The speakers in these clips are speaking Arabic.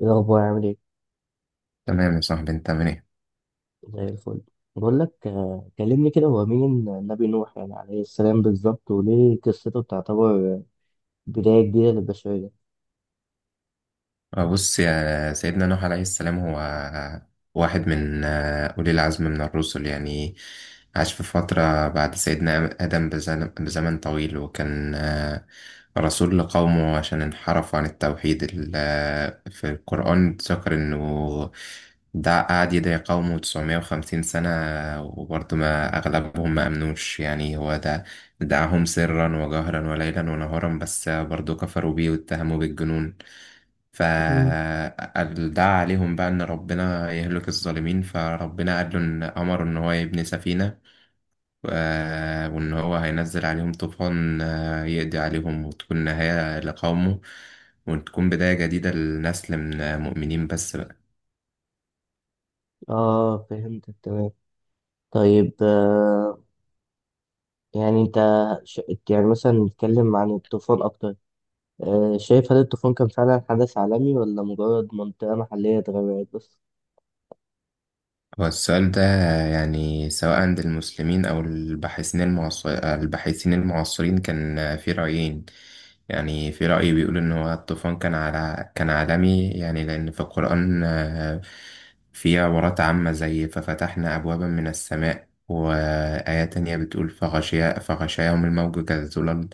إيه الأخبار؟ عامل إيه؟ تمام يا صاحبي، انت عامل ايه؟ زي الفل. بقول لك كلمني كده. هو مين النبي نوح يعني عليه السلام بالظبط، وليه قصته تعتبر بداية جديدة للبشرية؟ بص، يا سيدنا نوح عليه السلام هو واحد من أولي العزم من الرسل يعني. عاش في فترة بعد سيدنا آدم بزمن طويل، وكان رسول لقومه عشان انحرفوا عن التوحيد. في القرآن ذكر إنه ده قعد يدعي قومه 950 سنة، وبرضه ما أغلبهم ما أمنوش يعني. هو ده دعاهم سرا وجهرا وليلا ونهارا، بس برضه كفروا بيه واتهموا بالجنون، مم. فدعا عليهم بقى إن ربنا يهلك الظالمين. فربنا قال له إن أمره إن هو يبني سفينة و- وإن هو هينزل عليهم طوفان يقضي عليهم وتكون نهاية لقومه، وتكون بداية جديدة لنسل من مؤمنين بس بقى. آه، فهمتك تمام. طيب يعني أنت ش... يعني مثلا نتكلم عن الطوفان أكتر. آه، شايف هل الطوفان كان فعلا حدث عالمي ولا مجرد منطقة محلية اتغيرت بس؟ هو السؤال ده يعني، سواء عند المسلمين أو الباحثين الباحثين المعاصرين، كان في رأيين. يعني في رأي بيقول إن هو الطوفان كان كان عالمي، يعني لأن في القرآن في عبارات عامة زي ففتحنا أبوابا من السماء، وآية تانية بتقول فغشاهم الموج كالظلل،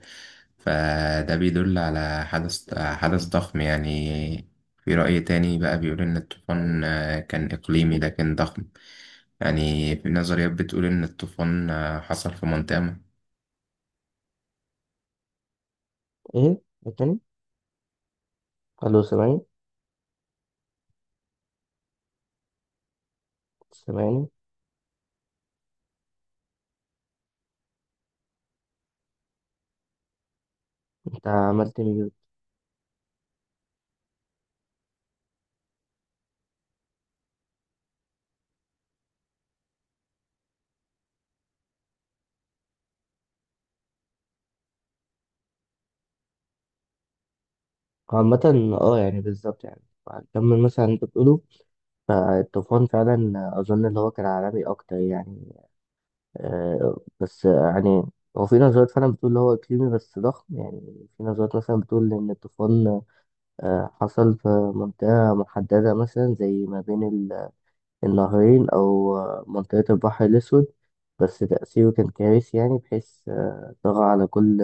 فده بيدل على حدث ضخم يعني. في رأي تاني بقى بيقول إن الطوفان كان إقليمي لكن ضخم، يعني في نظريات بتقول إن الطوفان حصل في مونتانا. إيه؟ التاني؟ ألو، سامعني؟ سامعني؟ أنت عملت ميوت. عامة اه يعني بالظبط يعني هكمل مثلا انت بتقوله. فالطوفان فعلا أظن اللي هو كان عالمي أكتر يعني، بس يعني هو في نظريات فعلا بتقول اللي هو إقليمي بس ضخم. يعني في نظريات مثلا بتقول إن الطوفان حصل في منطقة محددة، مثلا زي ما بين النهرين أو منطقة البحر الأسود، بس تأثيره كان كارثي، يعني بحيث طغى على كل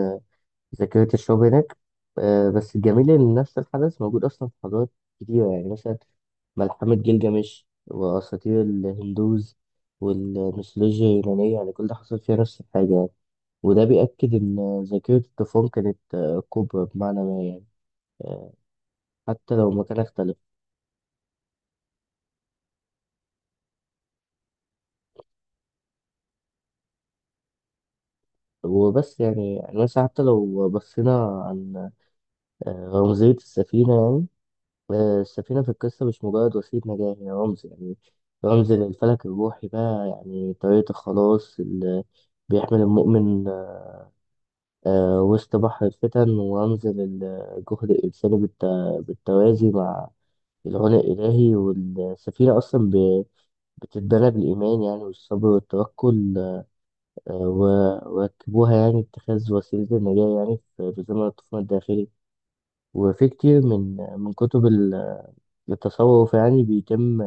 ذاكرة الشعوب هناك. بس الجميل إن نفس الحدث موجود أصلا في حضارات كتيرة، يعني مثلا ملحمة جلجمش وأساطير الهندوز والميثولوجيا اليونانية، يعني كل ده حصل فيها نفس الحاجة يعني. وده بيأكد إن ذاكرة الطوفان كانت كبرى بمعنى ما يعني. آه، حتى لو مكان اختلف وبس. يعني يعني مثلا حتى لو بصينا عن رمزية السفينة يعني. السفينة في القصة مش مجرد وسيلة نجاة، هي رمز يعني، رمز للفلك الروحي بقى، يعني طريقة الخلاص اللي بيحمل المؤمن وسط بحر الفتن، وأنزل الجهد الإنساني بالتوازي مع العناء الإلهي. والسفينة أصلا بتتبنى بالإيمان يعني، والصبر والتوكل. وركبوها يعني اتخاذ وسيلة النجاة يعني، في زمن الطوفان الداخلي. وفي كتير من كتب التصوف يعني بيتم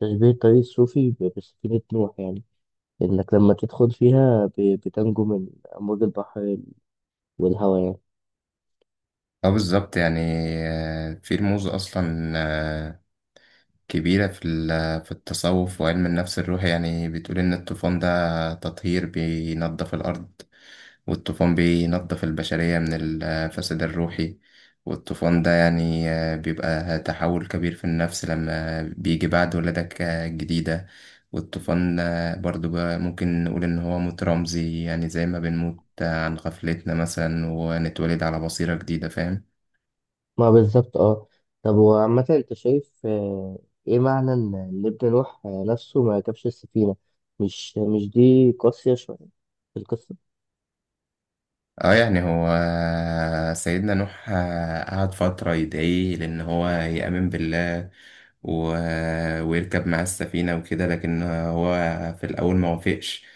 تشبيه الطريق الصوفي بسفينة نوح يعني. إنك لما تدخل فيها بتنجو من أمواج البحر والهواء يعني. اه، بالظبط يعني. في رموز أصلا كبيرة في ال- آه، في التصوف وعلم النفس الروحي، يعني بتقول إن الطوفان ده تطهير بينظف الأرض، والطوفان بينظف البشرية من الفساد الروحي. والطوفان ده يعني بيبقى تحول كبير في النفس، لما بيجي بعد ولادك جديدة. والطوفان برضو بقى ممكن نقول إن هو موت رمزي، يعني زي ما بنموت عن غفلتنا مثلا، ونتولد على بصيرة جديدة، فاهم؟ ما بالظبط اه. طب وعامة انت شايف ايه معنى ان إن ابن نوح نفسه ما ركبش السفينة؟ مش دي قاسية شوية في القصة؟ اه يعني هو سيدنا نوح قعد فترة يدعيه لأن هو يأمن بالله و... ويركب معاه السفينة وكده، لكن هو في الأول ما وافقش.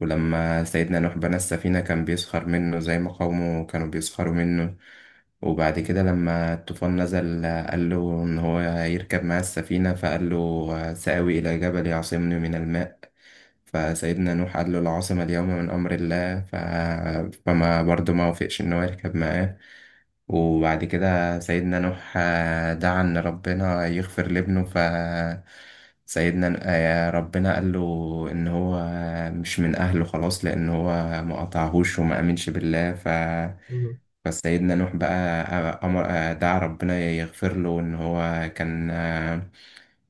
ولما سيدنا نوح بنى السفينة، كان بيسخر منه زي ما قومه كانوا بيسخروا منه. وبعد كده لما الطوفان نزل قال له إن هو يركب معاه السفينة، فقال له سآوي إلى جبل يعصمني من الماء، فسيدنا نوح قال له العاصمة اليوم من أمر الله. فما برضه ما وافقش إن هو يركب معاه. وبعد كده سيدنا نوح دعا إن ربنا يغفر لابنه، ف سيدنا آه، ربنا قال له إن هو مش من أهله خلاص، لأن هو ما قطعهوش وما آمنش بالله ف. مم. فسيدنا نوح بقى آه، أمر آه، دعا ربنا يغفر له، إن هو كان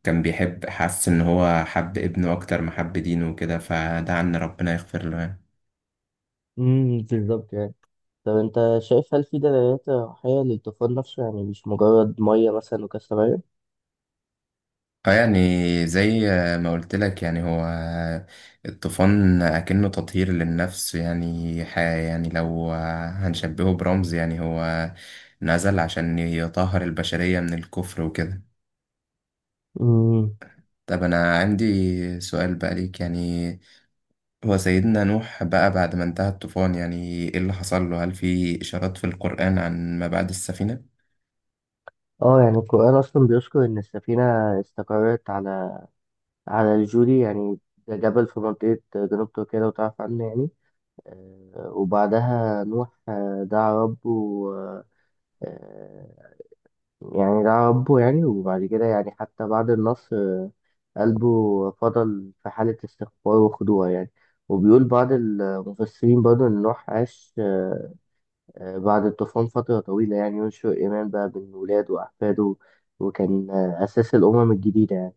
كان بيحب، حس ان هو حب ابنه اكتر ما حب دينه وكده، فدعا ان ربنا يغفر له يعني. بالظبط يعني. طب انت شايف هل في دلالات روحية للطوفان نفسه؟ يعني مش مجرد مية مثلا وكسر مية. اه يعني زي ما قلت لك، يعني هو الطوفان اكنه تطهير للنفس، يعني يعني لو هنشبهه برمز، يعني هو نزل عشان يطهر البشرية من الكفر وكده. امم. طب انا عندي سؤال بقى ليك يعني، هو سيدنا نوح بقى بعد ما انتهى الطوفان يعني، ايه اللي حصل له؟ هل في اشارات في القرآن عن ما بعد السفينة؟ اه يعني القرآن أصلا بيذكر إن السفينة استقرت على الجودي يعني. ده جبل في منطقة جنوب تركيا، لو تعرف عنه يعني. وبعدها نوح دعا ربه، آه، آه، يعني دعا ربه يعني، وبعد كده يعني حتى بعد النصر قلبه فضل في حالة استغفار وخضوع يعني. وبيقول بعض المفسرين برضه إن نوح عاش بعد الطوفان فترة طويلة، يعني ينشر إيمان بقى بين ولاده وأحفاده، وكان أساس الأمم الجديدة يعني.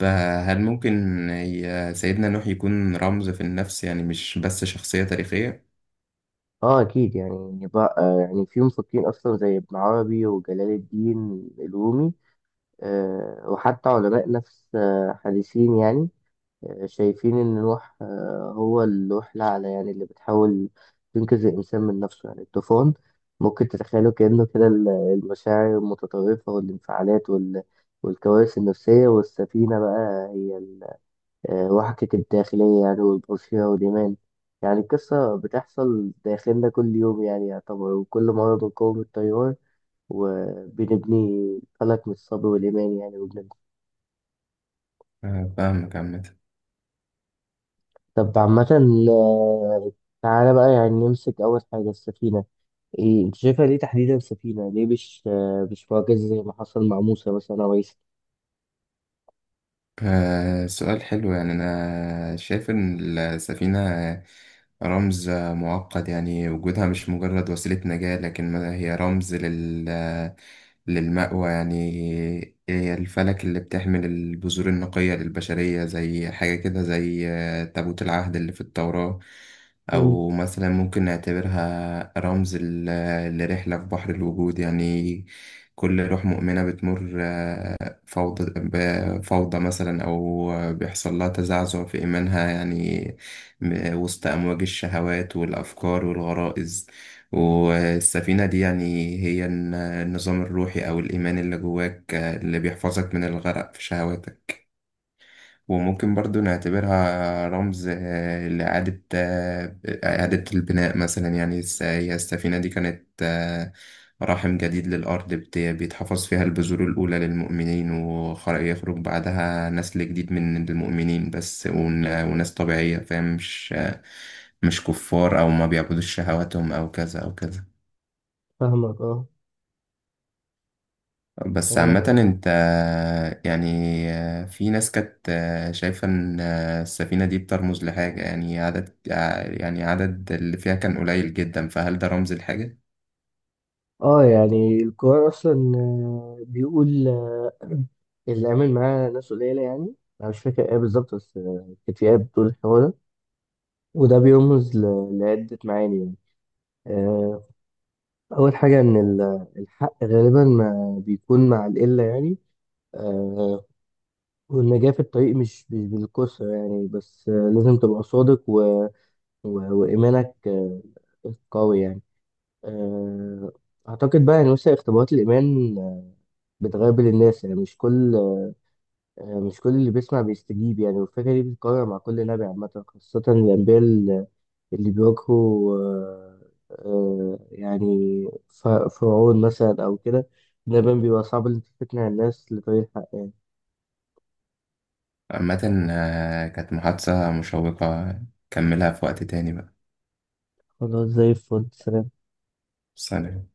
فهل ممكن سيدنا نوح يكون رمز في النفس، يعني مش بس شخصية تاريخية؟ اه اكيد يعني. يعني بقى يعني في مفكرين اصلا زي ابن عربي وجلال الدين الرومي، وحتى علماء نفس حديثين يعني شايفين إن نوح هو اللوح الأعلى، يعني اللي بتحاول تنقذ الإنسان من نفسه. يعني الطوفان ممكن تتخيله كأنه كده المشاعر المتطرفة والانفعالات والكوارث النفسية، والسفينة بقى هي وحدة الداخلية يعني، والبوصيرة والإيمان. يعني القصة بتحصل داخلنا كل يوم يعني يعتبر، وكل مرة بنقاوم التيار وبنبني فلك من الصبر والإيمان يعني، وبنبني. فاهمك. عامة طب عامة آه، تعالى بقى يعني نمسك أول حاجة السفينة. إيه أنت شايفها ليه تحديدا سفينة؟ ليه مش مش معجزة زي ما حصل مع موسى مثلا أو عيسى؟ سؤال حلو، يعني أنا شايف إن السفينة رمز معقد، يعني وجودها مش مجرد وسيلة نجاة، لكن هي رمز للمأوى، يعني هي الفلك اللي بتحمل البذور النقية للبشرية، زي حاجة كده زي تابوت العهد اللي في التوراة. امم. أو مثلا ممكن نعتبرها رمز لرحلة في بحر الوجود يعني. كل روح مؤمنة بتمر آه، فوضى بفوضى مثلا، أو بيحصل لها تزعزع في إيمانها، يعني وسط أمواج الشهوات والأفكار والغرائز. والسفينة دي يعني هي النظام الروحي أو الإيمان اللي جواك اللي بيحفظك من الغرق في شهواتك. وممكن برضو نعتبرها رمز آه، لإعادة آه، إعادة البناء مثلا، يعني هي السفينة دي كانت رحم جديد للأرض، بيتحفظ فيها البذور الأولى للمؤمنين، ويخرج بعدها نسل جديد من المؤمنين بس، وناس طبيعية، فاهم؟ مش مش كفار أو ما بيعبدوش شهواتهم أو كذا أو كذا. فاهمك اه. بس عامة آه, انت يعني، في ناس كانت شايفة ان السفينة دي بترمز لحاجة، يعني يعني عدد اللي فيها كان قليل جدا، فهل ده رمز لحاجة؟ آه يعني القرآن أصلا بيقول اللي آمن معاه ناس قليلة يعني. أنا مش فاكر إيه بالظبط، بس كانت في آية بتقول الحوار ده، وده بيرمز لعدة معاني يعني. آه، أول حاجة إن الحق غالبا ما بيكون مع القلة يعني. آه، والنجاة في الطريق مش بالكثرة يعني، بس لازم تبقى صادق و... وإيمانك قوي يعني. آه، أعتقد بقى يعني مثلا اختبارات الإيمان بتغير الناس. يعني مش كل مش كل اللي بيسمع بيستجيب يعني، والفكرة دي بتتكرر مع كل نبي عامة، خاصة الأنبياء اللي بيواجهوا يعني فرعون مثلا أو كده. ده بيبقى صعب إن أنت تقنع الناس لطريق الحق يعني. عامة كانت محادثة مشوقة، كملها في وقت تاني بقى. خلاص، زي الفل. سلام. سلام.